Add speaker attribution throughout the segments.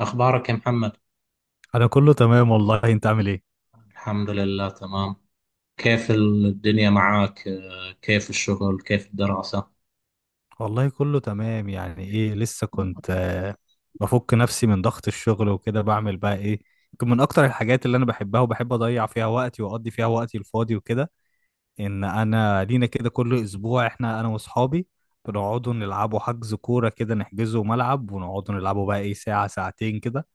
Speaker 1: أخبارك يا محمد؟
Speaker 2: انا كله تمام والله، انت عامل ايه؟
Speaker 1: الحمد لله تمام. كيف الدنيا معاك؟ كيف الشغل؟ كيف الدراسة؟
Speaker 2: والله كله تمام، يعني ايه لسه كنت بفك نفسي من ضغط الشغل وكده، بعمل بقى ايه يمكن من اكتر الحاجات اللي انا بحبها وبحب اضيع فيها وقتي واقضي فيها وقتي الفاضي وكده، ان انا لينا كده كل اسبوع احنا انا واصحابي بنقعدوا نلعبوا حجز كورة كده، نحجزوا ملعب ونقعدوا نلعبوا بقى ايه ساعة ساعتين كده،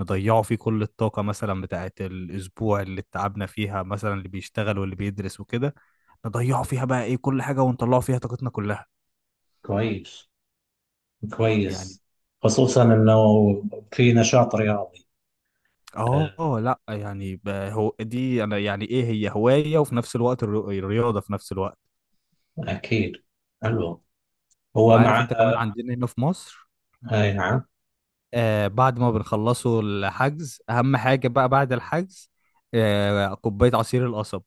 Speaker 2: نضيعه فيه كل الطاقة مثلا بتاعة الأسبوع اللي اتعبنا فيها مثلا، اللي بيشتغل واللي بيدرس وكده، نضيعه فيها بقى إيه كل حاجة ونطلعه فيها طاقتنا كلها.
Speaker 1: كويس،
Speaker 2: يعني.
Speaker 1: كويس. خصوصا انه في نشاط رياضي. آه،
Speaker 2: آه لأ يعني هو دي أنا يعني إيه هي هواية، وفي نفس الوقت الرياضة في نفس الوقت.
Speaker 1: اكيد. حلو. هو مع
Speaker 2: وعارف أنت كمان
Speaker 1: آه،
Speaker 2: عندنا هنا في مصر،
Speaker 1: اي نعم.
Speaker 2: بعد ما بنخلصوا الحجز أهم حاجة بقى بعد الحجز كوباية عصير القصب.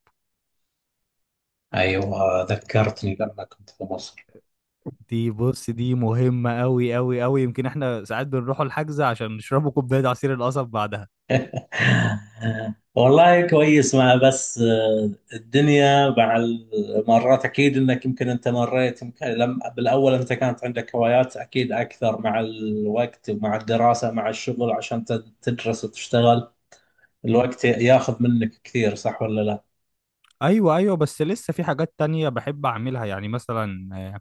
Speaker 1: ايوه، ذكرتني لما كنت في مصر.
Speaker 2: دي بص دي مهمة أوي أوي أوي، يمكن احنا ساعات بنروحوا الحجز عشان نشربوا كوباية عصير القصب بعدها.
Speaker 1: والله كويس. مع بس الدنيا مع المرات اكيد انك يمكن انت مريت، يمكن لم بالاول انت كانت عندك هوايات اكيد اكثر، مع الوقت مع الدراسة مع الشغل عشان تدرس وتشتغل.
Speaker 2: مم.
Speaker 1: الوقت ياخذ منك كثير، صح ولا لا؟
Speaker 2: أيوة أيوة، بس لسه في حاجات تانية بحب أعملها، يعني مثلا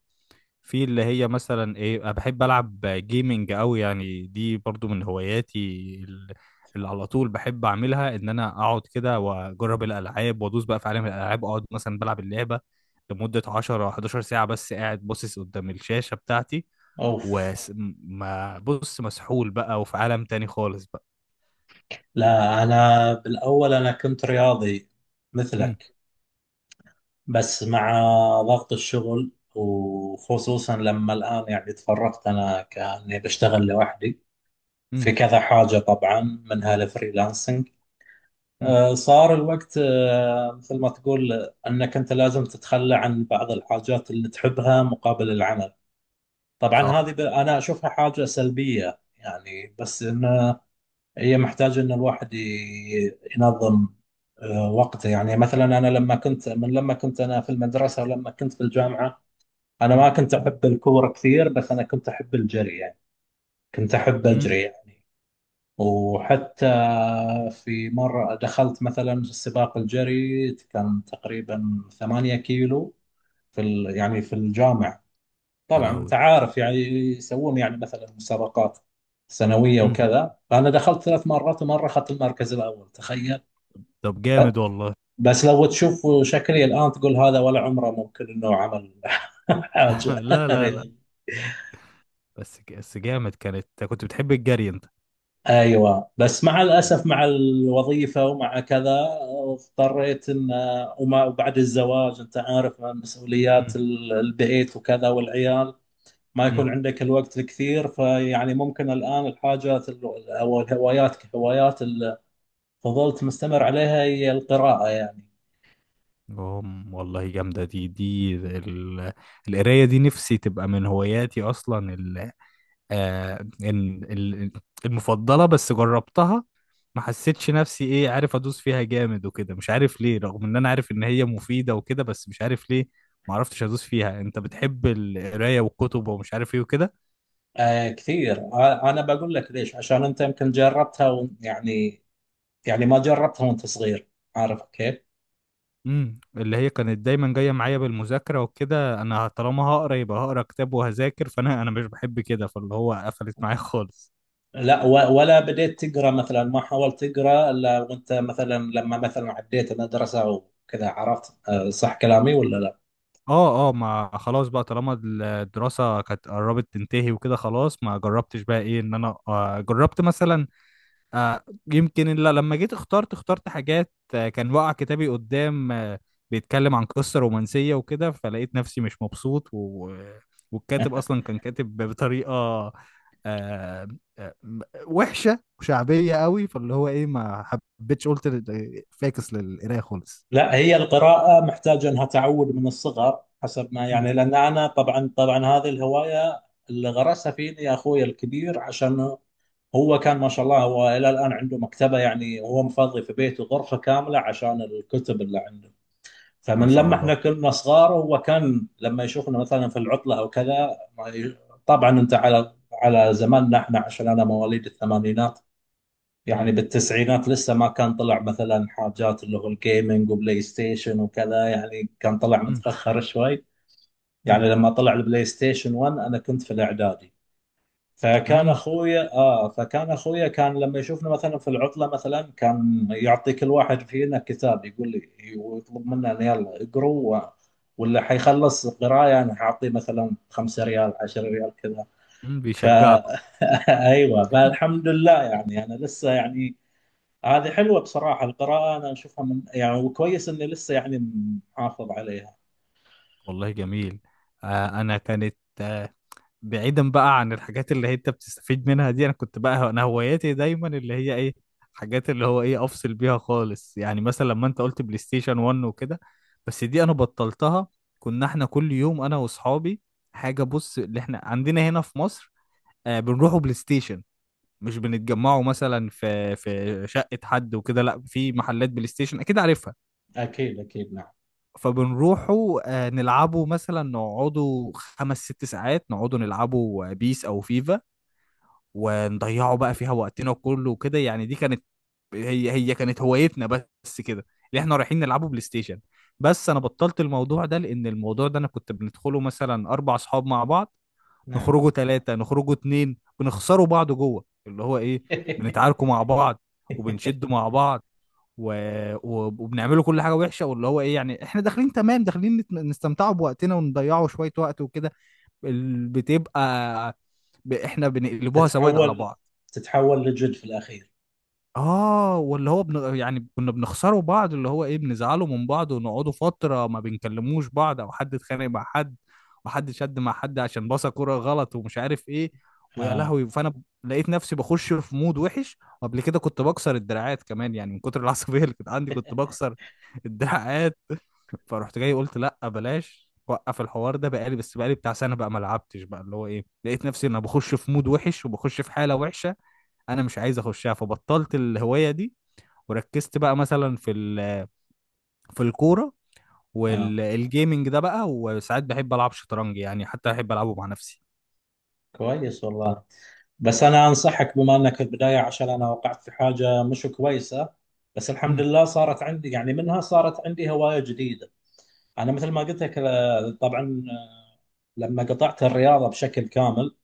Speaker 2: في اللي هي مثلا ايه، انا بحب العب جيمنج قوي، يعني دي برضو من هواياتي. ال- اللي على طول بحب اعملها ان انا اقعد كده واجرب الالعاب وادوس بقى في عالم الالعاب، اقعد مثلا بلعب اللعبه لمده 10 11 ساعه، بس قاعد باصص قدام الشاشه بتاعتي،
Speaker 1: اوف.
Speaker 2: وما بص مسحول بقى وفي عالم تاني خالص بقى.
Speaker 1: لا، انا بالاول انا كنت رياضي
Speaker 2: امم.
Speaker 1: مثلك، بس مع ضغط الشغل، وخصوصا لما الان يعني تفرغت انا كاني بشتغل لوحدي
Speaker 2: امم.
Speaker 1: في كذا حاجة. طبعا منها الفريلانسنج.
Speaker 2: امم.
Speaker 1: صار الوقت، مثل ما تقول، أنك أنت لازم تتخلى عن بعض الحاجات اللي تحبها مقابل العمل. طبعا
Speaker 2: صح.
Speaker 1: هذه أنا أشوفها حاجة سلبية يعني، بس إن هي محتاجة إن الواحد ينظم وقته. يعني مثلا أنا لما كنت، لما كنت أنا في المدرسة ولما كنت في الجامعة، أنا ما
Speaker 2: امم.
Speaker 1: كنت أحب الكورة كثير، بس أنا كنت أحب الجري يعني. كنت أحب
Speaker 2: امم.
Speaker 1: أجري يعني. وحتى في مرة دخلت مثلا سباق الجري، كان تقريبا 8 كيلو في يعني في الجامعة.
Speaker 2: يا
Speaker 1: طبعا انت
Speaker 2: لهوي.
Speaker 1: عارف يعني يسوون يعني مثلا مسابقات سنوية
Speaker 2: امم.
Speaker 1: وكذا، فأنا دخلت ثلاث مرات، ومرة أخذت المركز الأول، تخيل.
Speaker 2: طب جامد والله.
Speaker 1: بس لو تشوف شكلي الآن تقول هذا ولا عمره ممكن إنه عمل حاجة.
Speaker 2: لا لا لا. بس جامد، كانت كنت بتحب الجري انت؟
Speaker 1: ايوه، بس مع الاسف، مع الوظيفه ومع كذا، اضطريت ان، وبعد الزواج، انت عارف، مسؤوليات
Speaker 2: مم.
Speaker 1: البيت وكذا والعيال، ما
Speaker 2: مم.
Speaker 1: يكون عندك الوقت الكثير. فيعني ممكن الان الحاجات او الهوايات، كهوايات اللي فضلت مستمر عليها، هي القراءه يعني.
Speaker 2: أم، والله جامدة دي القراية دي نفسي تبقى من هواياتي أصلا آه، إن- ال- المفضلة، بس جربتها ما حسيتش نفسي إيه، عارف أدوس فيها جامد وكده، مش عارف ليه رغم إن أنا عارف إن هي مفيدة وكده، بس مش عارف ليه ما عرفتش أدوس فيها. أنت بتحب القراية والكتب ومش عارف إيه وكده.
Speaker 1: آه كثير. انا بقول لك ليش. عشان انت يمكن جربتها يعني، يعني ما جربتها وانت صغير، عارف كيف.
Speaker 2: امم، اللي هي كانت دايما جاية معايا بالمذاكرة وكده، أنا طالما هقرا يبقى هقرا كتاب وهذاكر، فأنا مش بحب كده، فاللي هو قفلت معايا خالص.
Speaker 1: لا ولا بديت تقرا مثلا، ما حاولت تقرا الا وانت مثلا لما مثلا عديت المدرسه وكذا. عرفت صح كلامي ولا لا؟
Speaker 2: اه اه، ما خلاص بقى طالما الدراسة كانت قربت تنتهي وكده، خلاص ما جربتش بقى ايه ان انا جربت مثلا آه يمكن إلا لما جيت اخترت حاجات، كان واقع كتابي قدام، بيتكلم عن قصة رومانسية وكده، فلقيت نفسي مش مبسوط والكاتب اصلا كان كاتب بطريقة آه م- وحشة وشعبية قوي، فاللي هو ايه ما حبيتش قلت فاكس للقراية خالص.
Speaker 1: لا، هي القراءه محتاجه انها تعود من الصغر، حسب ما
Speaker 2: مم.
Speaker 1: يعني. لان انا طبعا طبعا هذه الهوايه اللي غرسها فيني يا اخوي الكبير. عشان هو كان ما شاء الله، هو الى الان عنده مكتبه، يعني هو مفضي في بيته غرفه كامله عشان الكتب اللي عنده.
Speaker 2: ما
Speaker 1: فمن
Speaker 2: شاء
Speaker 1: لما احنا
Speaker 2: الله.
Speaker 1: كنا صغار، هو كان لما يشوفنا مثلا في العطله او كذا ما ي- طبعا انت على زماننا احنا، عشان انا مواليد الثمانينات،
Speaker 2: مم.
Speaker 1: يعني بالتسعينات لسه ما كان طلع مثلا حاجات اللي هو الجيمنج وبلاي ستيشن وكذا، يعني كان طلع
Speaker 2: مم.
Speaker 1: متاخر شوي.
Speaker 2: مم.
Speaker 1: يعني لما طلع البلاي ستيشن 1، انا كنت في الاعدادي. فكان
Speaker 2: مم.
Speaker 1: اخويا اه فكان اخويا كان لما يشوفنا مثلا في العطله، مثلا كان يعطي كل واحد فينا كتاب، يقول لي، ويطلب منا إن يلا اقروا ولا حيخلص قرايه انا حاعطيه مثلا 5 ريال، 10 ريال كذا.
Speaker 2: مم،
Speaker 1: ف
Speaker 2: بيشجعكم.
Speaker 1: ايوه، فالحمد لله يعني انا لسه يعني هذه حلوه بصراحه، القراءه انا اشوفها من يعني، وكويس اني لسه يعني محافظ عليها.
Speaker 2: والله جميل. آه انا كانت بعيدا بقى عن الحاجات اللي هي انت بتستفيد منها دي، انا كنت بقى انا هواياتي دايما اللي هي ايه حاجات اللي هو ايه افصل بيها خالص، يعني مثلا لما انت قلت بلاي ستيشن 1 وكده، بس دي انا بطلتها. كنا احنا كل يوم انا واصحابي حاجه بص، اللي احنا عندنا هنا في مصر بنروحوا بلاي ستيشن، مش بنتجمعوا مثلا في شقة حد وكده، لا في محلات بلاي ستيشن اكيد عارفها.
Speaker 1: اكيد، اكيد، نعم.
Speaker 2: فبنروحوا نلعبوا مثلا نقعدوا خمس ست ساعات نقعدوا نلعبوا بيس او فيفا، ونضيعوا بقى فيها وقتنا كله وكده، يعني دي كانت هي كانت هوايتنا بس كده، اللي احنا رايحين نلعبوا بلاي ستيشن. بس انا بطلت الموضوع ده، لان الموضوع ده انا كنت بندخله مثلا اربع اصحاب مع بعض،
Speaker 1: نعم.
Speaker 2: نخرجوا ثلاثة نخرجوا اتنين، بنخسروا بعض جوه اللي هو ايه بنتعاركوا مع بعض وبنشدوا مع بعض و... وبنعمله كل حاجه وحشه، واللي هو ايه يعني احنا داخلين تمام، داخلين نستمتعوا بوقتنا ونضيعوا شويه وقت وكده، بتبقى احنا بنقلبوها سواد على
Speaker 1: تتحول،
Speaker 2: بعض.
Speaker 1: تتحول لجد في الاخير.
Speaker 2: اه، واللي هو يعني كنا بنخسره بعض اللي هو ايه بنزعله من بعض ونقعدوا فترة ما بنكلموش بعض، او حد اتخانق مع حد وحد شد مع حد عشان باصة كرة غلط ومش عارف ايه، ويا
Speaker 1: آه.
Speaker 2: لهوي. فانا لقيت نفسي بخش في مود وحش، وقبل كده كنت بكسر الدراعات كمان، يعني من كتر العصبية اللي كانت عندي كنت بكسر الدراعات فرحت جاي قلت لا بلاش، وقف الحوار ده بقالي بس بقالي بتاع سنة بقى، ما لعبتش بقى اللي هو ايه، لقيت نفسي انا بخش في مود وحش وبخش في حالة وحشة، انا مش عايز اخشها، فبطلت الهوايه دي. وركزت بقى مثلا في في الكوره
Speaker 1: آه.
Speaker 2: والجيمنج ده بقى، وساعات بحب العب شطرنج، يعني حتى بحب العبه مع نفسي.
Speaker 1: كويس والله. بس أنا أنصحك، بما أنك في البداية، عشان أنا وقعت في حاجة مش كويسة، بس الحمد
Speaker 2: امم.
Speaker 1: لله صارت عندي يعني منها، صارت عندي هواية جديدة. أنا مثل ما قلت لك، طبعا، لما قطعت الرياضة بشكل كامل،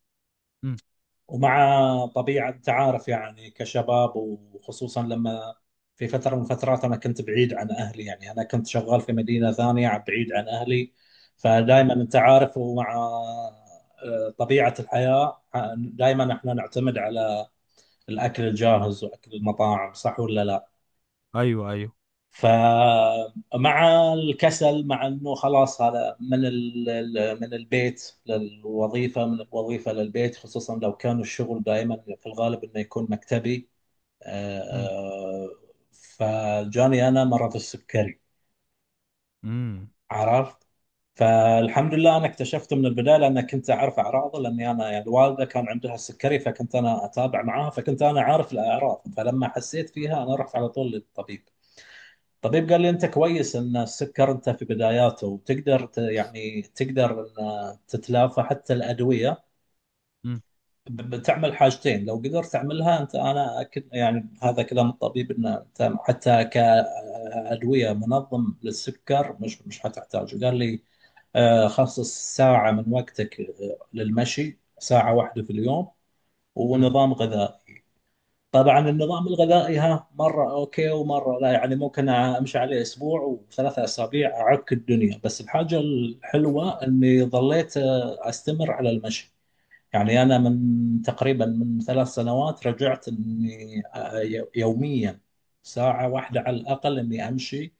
Speaker 2: امم.
Speaker 1: ومع طبيعة تعارف يعني كشباب، وخصوصا لما في فترة من الفترات أنا كنت بعيد عن أهلي، يعني أنا كنت شغال في مدينة ثانية بعيد عن أهلي،
Speaker 2: امم.
Speaker 1: فدائما أنت عارف، ومع طبيعة الحياة دائما احنا نعتمد على الأكل الجاهز وأكل المطاعم، صح ولا لا؟
Speaker 2: ايوه ايوه.
Speaker 1: فمع الكسل، مع انه خلاص هذا من من البيت للوظيفه، من الوظيفه للبيت، خصوصا لو كان الشغل دائما في الغالب انه يكون مكتبي. آه،
Speaker 2: امم.
Speaker 1: آه، فجاني انا مرض السكري،
Speaker 2: امم.
Speaker 1: عرفت. فالحمد لله انا اكتشفته من البدايه، لان كنت اعرف اعراضه، لاني انا يعني الوالده كان عندها السكري، فكنت انا اتابع معاها، فكنت انا عارف الاعراض. فلما حسيت فيها انا رحت على طول للطبيب. طبيب قال لي انت كويس ان السكر انت في بداياته، وتقدر يعني تقدر ان تتلافى حتى الادويه.
Speaker 2: امم.
Speaker 1: بتعمل حاجتين لو قدرت تعملها انت، انا اكد يعني هذا كلام الطبيب، ان انت حتى كادويه منظم للسكر مش مش حتحتاجه، قال لي خصص ساعه من وقتك للمشي، ساعه واحده في اليوم،
Speaker 2: امم.
Speaker 1: ونظام غذائي. طبعا النظام الغذائي ها مره اوكي ومره لا، يعني ممكن امشي عليه اسبوع وثلاثة اسابيع اعك الدنيا، بس الحاجه الحلوه اني ظليت استمر على المشي. يعني انا من تقريبا من 3 سنوات رجعت اني يوميا ساعه واحده
Speaker 2: أمم.
Speaker 1: على الاقل اني امشي.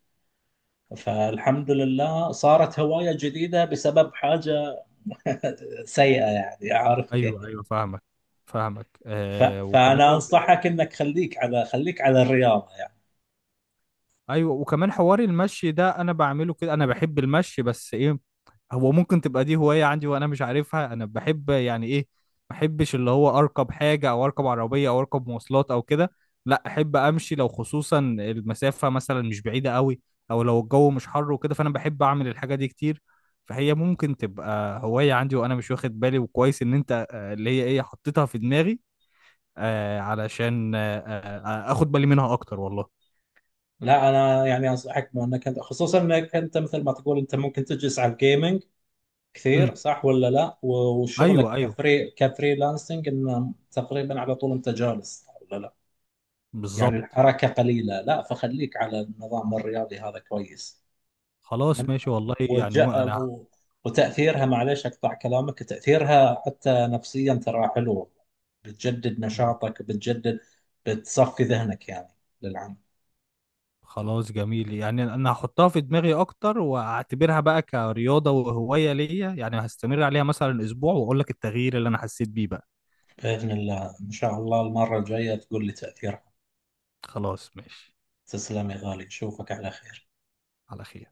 Speaker 1: فالحمد لله صارت هوايه جديده بسبب حاجه سيئه، يعني عارف
Speaker 2: ايوه
Speaker 1: كيف.
Speaker 2: ايوه فاهمك، فاهمك
Speaker 1: ف-
Speaker 2: آه وكمان
Speaker 1: فانا انصحك انك خليك على الرياضه يعني.
Speaker 2: ايوه وكمان حوار المشي ده انا بعمله كده، انا بحب المشي، بس ايه هو ممكن تبقى دي هواية عندي وانا مش عارفها، انا بحب يعني ايه ما احبش اللي هو اركب حاجة او اركب عربية او اركب مواصلات او كده، لا احب امشي لو خصوصا المسافة مثلا مش بعيدة قوي، او لو الجو مش حر وكده، فانا بحب اعمل الحاجة دي كتير، فهي ممكن تبقى هواية عندي وانا مش واخد بالي، وكويس ان انت اللي هي ايه حطيتها في دماغي علشان اخد بالي منها اكتر والله.
Speaker 1: لا انا يعني انصحك بانك انت، خصوصا انك انت مثل ما تقول انت ممكن تجلس على الجيمنج
Speaker 2: امم.
Speaker 1: كثير، صح ولا لا؟ وشغلك
Speaker 2: ايوه ايوه
Speaker 1: كفريلانسنج انه تقريبا على طول انت جالس، صح ولا لا؟ يعني
Speaker 2: بالظبط.
Speaker 1: الحركه قليله. لا، فخليك على النظام الرياضي هذا، كويس. من
Speaker 2: خلاص ماشي والله، يعني مو
Speaker 1: وجاء
Speaker 2: انا.
Speaker 1: و- وتاثيرها، معليش اقطع كلامك، تاثيرها حتى نفسيا ترى حلو، بتجدد
Speaker 2: مم.
Speaker 1: نشاطك، بتجدد، بتصفي ذهنك يعني للعمل.
Speaker 2: خلاص جميل، يعني انا هحطها في دماغي اكتر واعتبرها بقى كرياضة وهواية ليا، يعني هستمر عليها مثلا اسبوع واقول لك التغيير اللي انا حسيت بيه بقى.
Speaker 1: بإذن الله إن شاء الله المرة الجاية تقول لي تأثيرها.
Speaker 2: خلاص ماشي،
Speaker 1: تسلم يا غالي، أشوفك على خير.
Speaker 2: على خير.